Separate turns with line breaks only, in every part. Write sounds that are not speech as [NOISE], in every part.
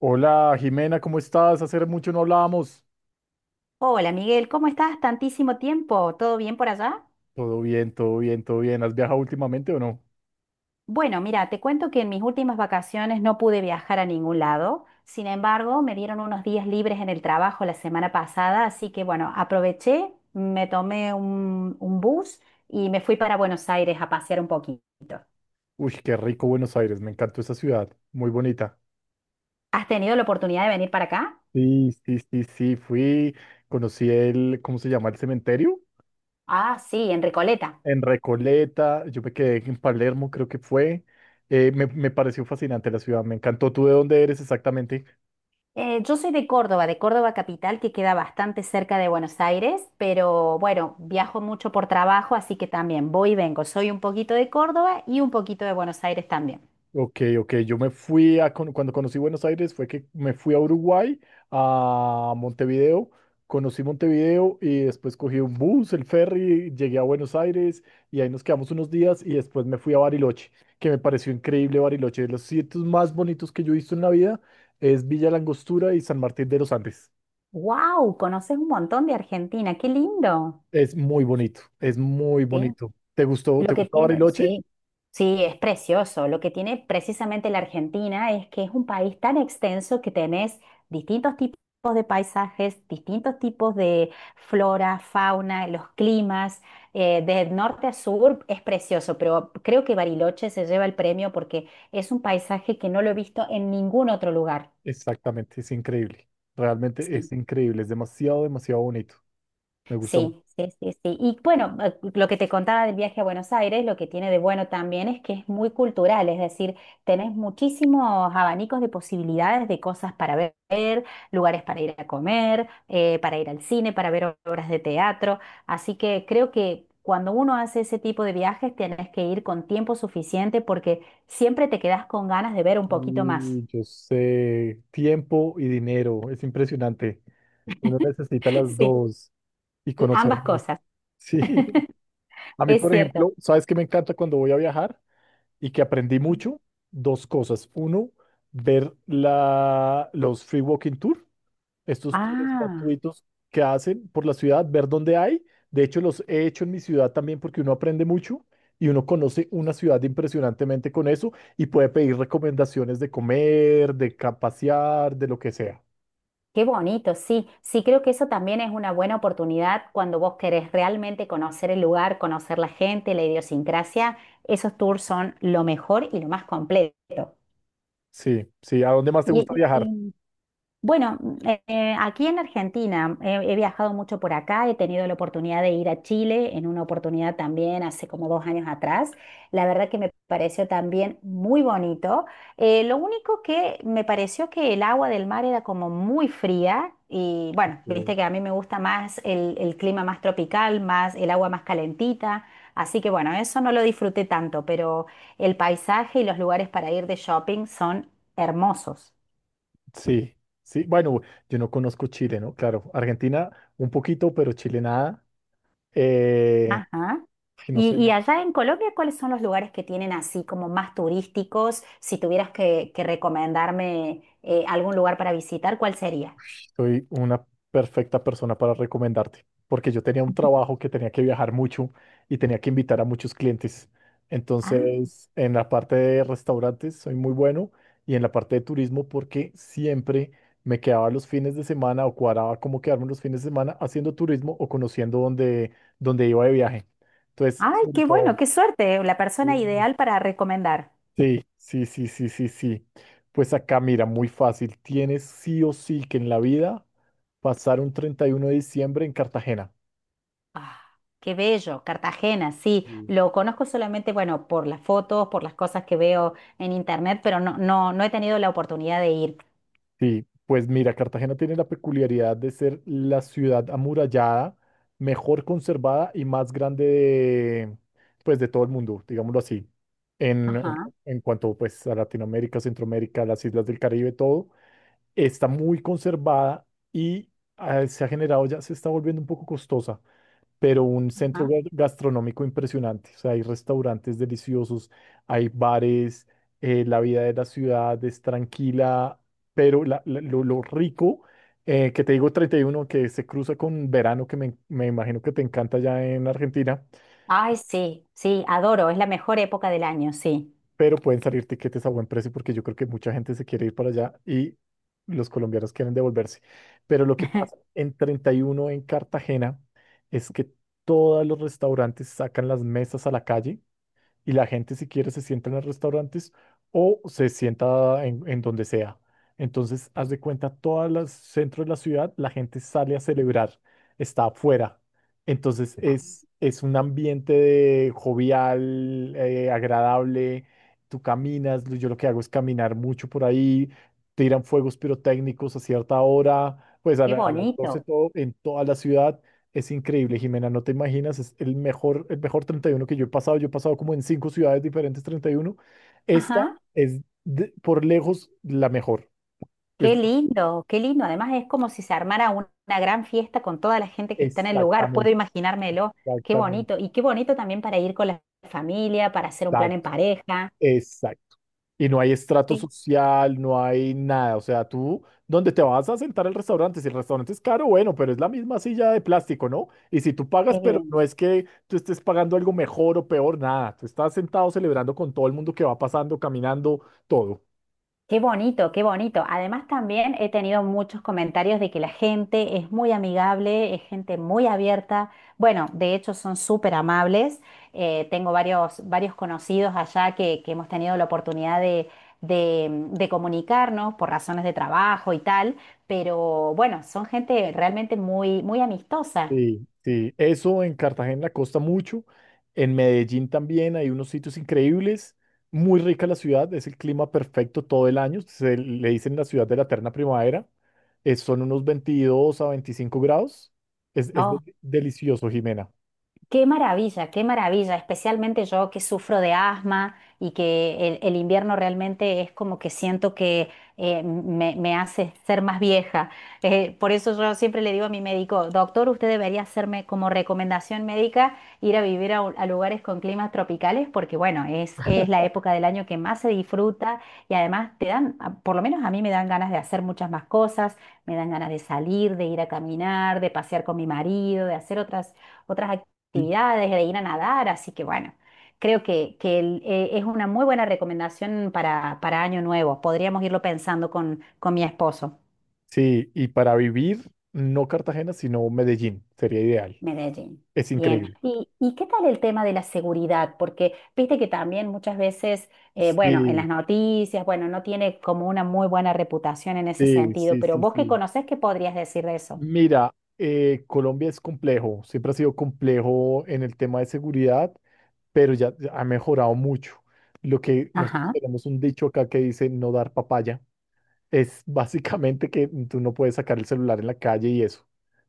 Hola Jimena, ¿cómo estás? Hace mucho no hablábamos.
Hola Miguel, ¿cómo estás? Tantísimo tiempo, ¿todo bien por allá?
Todo bien, todo bien, todo bien. ¿Has viajado últimamente o no?
Bueno, mira, te cuento que en mis últimas vacaciones no pude viajar a ningún lado, sin embargo, me dieron unos días libres en el trabajo la semana pasada, así que bueno, aproveché, me tomé un bus y me fui para Buenos Aires a pasear un poquito.
Uy, qué rico Buenos Aires, me encantó esa ciudad, muy bonita.
¿Has tenido la oportunidad de venir para acá?
Sí, sí, sí, sí, fui, conocí el, ¿cómo se llama? El cementerio
Ah, sí, en Recoleta.
en Recoleta, yo me quedé en Palermo, creo que fue. Me pareció fascinante la ciudad, me encantó. ¿Tú de dónde eres exactamente?
Yo soy de Córdoba capital, que queda bastante cerca de Buenos Aires, pero bueno, viajo mucho por trabajo, así que también voy y vengo. Soy un poquito de Córdoba y un poquito de Buenos Aires también.
Ok, ok, yo me fui a, cuando conocí Buenos Aires fue que me fui a Uruguay, a Montevideo, conocí Montevideo y después cogí un bus, el ferry, llegué a Buenos Aires y ahí nos quedamos unos días y después me fui a Bariloche, que me pareció increíble Bariloche, de los sitios más bonitos que yo he visto en la vida es Villa La Angostura y San Martín de los Andes.
¡Wow! Conoces un montón de Argentina, qué lindo.
Es muy bonito, es muy
Sí.
bonito. ¿Te gustó,
Lo
te
que
gustó
tiene,
Bariloche?
sí, sí, es precioso. Lo que tiene precisamente la Argentina es que es un país tan extenso que tenés distintos tipos de paisajes, distintos tipos de flora, fauna, los climas, de norte a sur es precioso, pero creo que Bariloche se lleva el premio porque es un paisaje que no lo he visto en ningún otro lugar.
Exactamente, es increíble, realmente es
Sí.
increíble, es demasiado, demasiado bonito, me gusta mucho.
Sí, sí, sí, sí. Y bueno, lo que te contaba del viaje a Buenos Aires, lo que tiene de bueno también es que es muy cultural, es decir, tenés muchísimos abanicos de posibilidades de cosas para ver, lugares para ir a comer, para ir al cine, para ver obras de teatro. Así que creo que cuando uno hace ese tipo de viajes, tenés que ir con tiempo suficiente porque siempre te quedás con ganas de ver un poquito más.
Y yo sé, tiempo y dinero, es impresionante. Uno necesita las
[LAUGHS] Sí,
dos y conocer
ambas
mucho.
cosas,
Sí, [LAUGHS] a mí,
es
por
cierto.
ejemplo, ¿sabes qué me encanta cuando voy a viajar? Y que aprendí mucho, dos cosas. Uno, ver los free walking tour, estos tours
Ah.
gratuitos que hacen por la ciudad, ver dónde hay. De hecho, los he hecho en mi ciudad también porque uno aprende mucho y uno conoce una ciudad impresionantemente con eso y puede pedir recomendaciones de comer, de pasear, de lo que sea.
Qué bonito, sí, sí creo que eso también es una buena oportunidad cuando vos querés realmente conocer el lugar, conocer la gente, la idiosincrasia, esos tours son lo mejor y lo más completo.
Sí, sí, ¿a dónde más te gusta
Y,
viajar?
y- bueno, aquí en Argentina he viajado mucho por acá, he tenido la oportunidad de ir a Chile en una oportunidad también hace como dos años atrás. La verdad que me pareció también muy bonito. Lo único que me pareció que el agua del mar era como muy fría y bueno,
Sí,
viste que a mí me gusta más el clima más tropical, más el agua más calentita. Así que bueno, eso no lo disfruté tanto, pero el paisaje y los lugares para ir de shopping son hermosos.
sí, sí. Bueno, yo no conozco Chile, ¿no? Claro, Argentina un poquito, pero Chile nada. Eh,
Ajá.
ay, no sé,
Y allá en Colombia, ¿cuáles son los lugares que tienen así como más turísticos? Si tuvieras que recomendarme algún lugar para visitar, ¿cuál sería?
soy una perfecta persona para recomendarte, porque yo tenía un trabajo que tenía que viajar mucho y tenía que invitar a muchos clientes.
Ah,
Entonces, en la parte de restaurantes soy muy bueno y en la parte de turismo porque siempre me quedaba los fines de semana o cuadraba cómo quedarme los fines de semana haciendo turismo o conociendo dónde, iba de viaje. Entonces,
ay,
sobre
qué bueno,
todo,
qué suerte, la persona
sí,
ideal para recomendar.
sí, sí, sí, sí, sí, sí. Pues acá, mira, muy fácil. Tienes sí o sí que en la vida pasar un 31 de diciembre en Cartagena.
Ah, qué bello, Cartagena, sí,
Sí.
lo conozco solamente, bueno, por las fotos, por las cosas que veo en internet, pero no, no, no he tenido la oportunidad de ir.
Sí, pues mira, Cartagena tiene la peculiaridad de ser la ciudad amurallada, mejor conservada y más grande de, pues, de todo el mundo, digámoslo así. En,
Ajá,
en cuanto pues a Latinoamérica, Centroamérica, las islas del Caribe, todo, está muy conservada y se ha generado, ya se está volviendo un poco costosa, pero un centro
ajá.
gastronómico impresionante. O sea, hay restaurantes deliciosos, hay bares, la vida de la ciudad es tranquila, pero lo rico, que te digo 31, que se cruza con verano, que me imagino que te encanta allá en Argentina,
Ay, sí, sí, adoro, es la mejor época del año, sí.
pero pueden salir tiquetes a buen precio porque yo creo que mucha gente se quiere ir para allá y los colombianos quieren devolverse. Pero lo que pasa
[LAUGHS]
en 31 en Cartagena es que todos los restaurantes sacan las mesas a la calle y la gente si quiere se sienta en los restaurantes o se sienta en, donde sea. Entonces, haz de cuenta, todos los centros de la ciudad, la gente sale a celebrar, está afuera. Entonces,
Ah,
es, un ambiente de jovial, agradable. Tú caminas, yo lo que hago es caminar mucho por ahí, tiran fuegos pirotécnicos a cierta hora, pues a,
qué
a las 12,
bonito.
todo en toda la ciudad es increíble, Jimena, no te imaginas, es el mejor 31 que yo he pasado. Yo he pasado como en cinco ciudades diferentes 31. Esta
Ajá.
es por lejos la mejor. Es-
Qué lindo, qué lindo. Además es como si se armara una gran fiesta con toda la gente que está en el lugar. Puedo
exactamente,
imaginármelo. Qué bonito.
exactamente,
Y qué bonito también para ir con la familia, para hacer un plan en
exacto,
pareja.
exacto. Y no hay estrato
Sí.
social, no hay nada. O sea, tú, ¿dónde te vas a sentar al restaurante? Si el restaurante es caro, bueno, pero es la misma silla de plástico, ¿no? Y si tú
Qué
pagas, pero
bien.
no es que tú estés pagando algo mejor o peor, nada. Tú estás sentado celebrando con todo el mundo que va pasando, caminando, todo.
Qué bonito, qué bonito. Además, también he tenido muchos comentarios de que la gente es muy amigable, es gente muy abierta. Bueno, de hecho son súper amables. Tengo varios, varios conocidos allá que hemos tenido la oportunidad de comunicarnos por razones de trabajo y tal, pero bueno, son gente realmente muy, muy amistosa.
Sí, sí, eso en Cartagena costa mucho, en Medellín también hay unos sitios increíbles, muy rica la ciudad, es el clima perfecto todo el año, se le dicen la ciudad de la eterna primavera, son unos 22 a 25 grados, es, es
¿No?
delicioso, Jimena.
Qué maravilla, especialmente yo que sufro de asma y que el invierno realmente es como que siento que me hace ser más vieja. Por eso yo siempre le digo a mi médico, doctor, usted debería hacerme como recomendación médica ir a vivir a lugares con climas tropicales porque bueno, es la época del año que más se disfruta y además te dan, por lo menos a mí me dan ganas de hacer muchas más cosas, me dan ganas de salir, de ir a caminar, de pasear con mi marido, de hacer otras
Sí,
actividades, de ir a nadar, así que bueno, creo que es una muy buena recomendación para Año Nuevo. Podríamos irlo pensando con mi esposo.
sí, y para vivir, no Cartagena, sino Medellín, sería ideal,
Medellín.
es
Bien,
increíble.
¿y, y qué tal el tema de la seguridad? Porque viste que también muchas veces, bueno, en
Sí,
las noticias, bueno, no tiene como una muy buena reputación en ese
sí,
sentido,
sí,
pero
sí,
vos que
sí.
conocés, ¿qué podrías decir de eso?
Mira, Colombia es complejo, siempre ha sido complejo en el tema de seguridad, pero ya ha mejorado mucho. Lo que nosotros
Ajá.
tenemos un dicho acá que dice no dar papaya, es básicamente que tú no puedes sacar el celular en la calle y eso.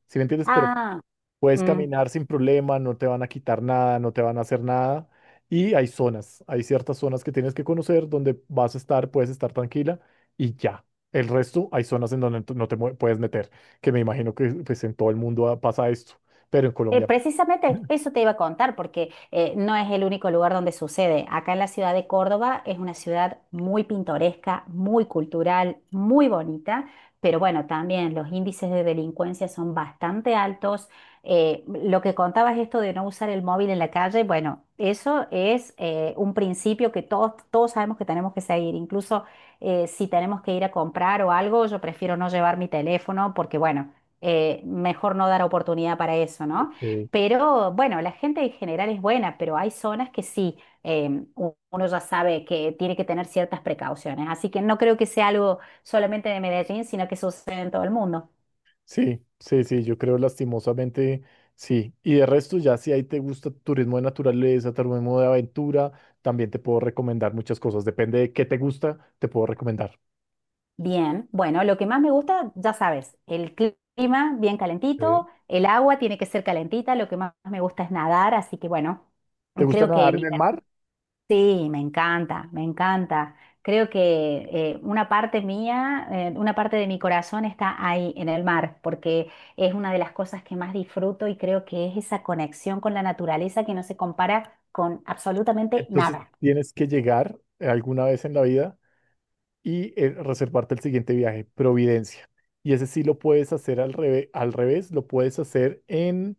¿Sí me entiendes? Pero
Ah,
puedes
mm,
caminar sin problema, no te van a quitar nada, no te van a hacer nada. Y hay zonas, hay ciertas zonas que tienes que conocer donde vas a estar, puedes estar tranquila y ya. El resto, hay zonas en donde tú no te puedes meter, que me imagino que pues, en todo el mundo pasa esto, pero en Colombia.
Precisamente
[CLEARS THROAT]
eso te iba a contar, porque no es el único lugar donde sucede. Acá en la ciudad de Córdoba es una ciudad muy pintoresca, muy cultural, muy bonita, pero bueno, también los índices de delincuencia son bastante altos. Lo que contabas esto de no usar el móvil en la calle, bueno, eso es un principio que todos, todos sabemos que tenemos que seguir. Incluso si tenemos que ir a comprar o algo, yo prefiero no llevar mi teléfono porque bueno, mejor no dar oportunidad para eso, ¿no?
Eh,
Pero bueno, la gente en general es buena, pero hay zonas que sí, uno ya sabe que tiene que tener ciertas precauciones. Así que no creo que sea algo solamente de Medellín, sino que sucede en todo el mundo.
sí, sí, sí, yo creo lastimosamente sí. Y de resto, ya si ahí te gusta turismo de naturaleza, turismo de aventura, también te puedo recomendar muchas cosas. Depende de qué te gusta, te puedo recomendar.
Bien, bueno, lo que más me gusta, ya sabes, el clima bien
Eh,
calentito, el agua tiene que ser calentita, lo que más me gusta es nadar, así que bueno,
¿Te gusta
creo que
nadar en
mi
el mar?
Sí, me encanta, me encanta. Creo que una parte mía, una parte de mi corazón está ahí en el mar, porque es una de las cosas que más disfruto y creo que es esa conexión con la naturaleza que no se compara con absolutamente
Entonces
nada.
tienes que llegar alguna vez en la vida y reservarte el siguiente viaje, Providencia. Y ese sí lo puedes hacer al revés, lo puedes hacer en,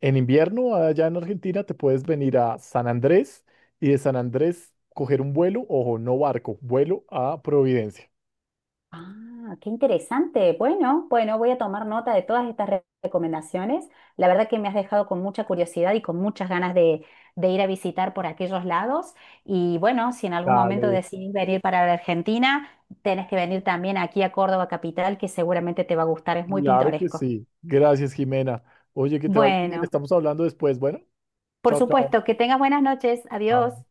en invierno allá en Argentina, te puedes venir a San Andrés y de San Andrés coger un vuelo, ojo, no barco, vuelo a Providencia.
Ah, qué interesante. Bueno, bueno, voy a tomar nota de todas estas recomendaciones. La verdad que me has dejado con mucha curiosidad y con muchas ganas de ir a visitar por aquellos lados. Y bueno, si en algún momento
Dale,
decidís venir para la Argentina, tenés que venir también aquí a Córdoba Capital, que seguramente te va a gustar, es muy
claro que
pintoresco.
sí. Gracias, Jimena. Oye, que te vaya bien,
Bueno,
estamos hablando después. Bueno,
por
chao, chao.
supuesto, que tengas buenas noches. Adiós.
Chao.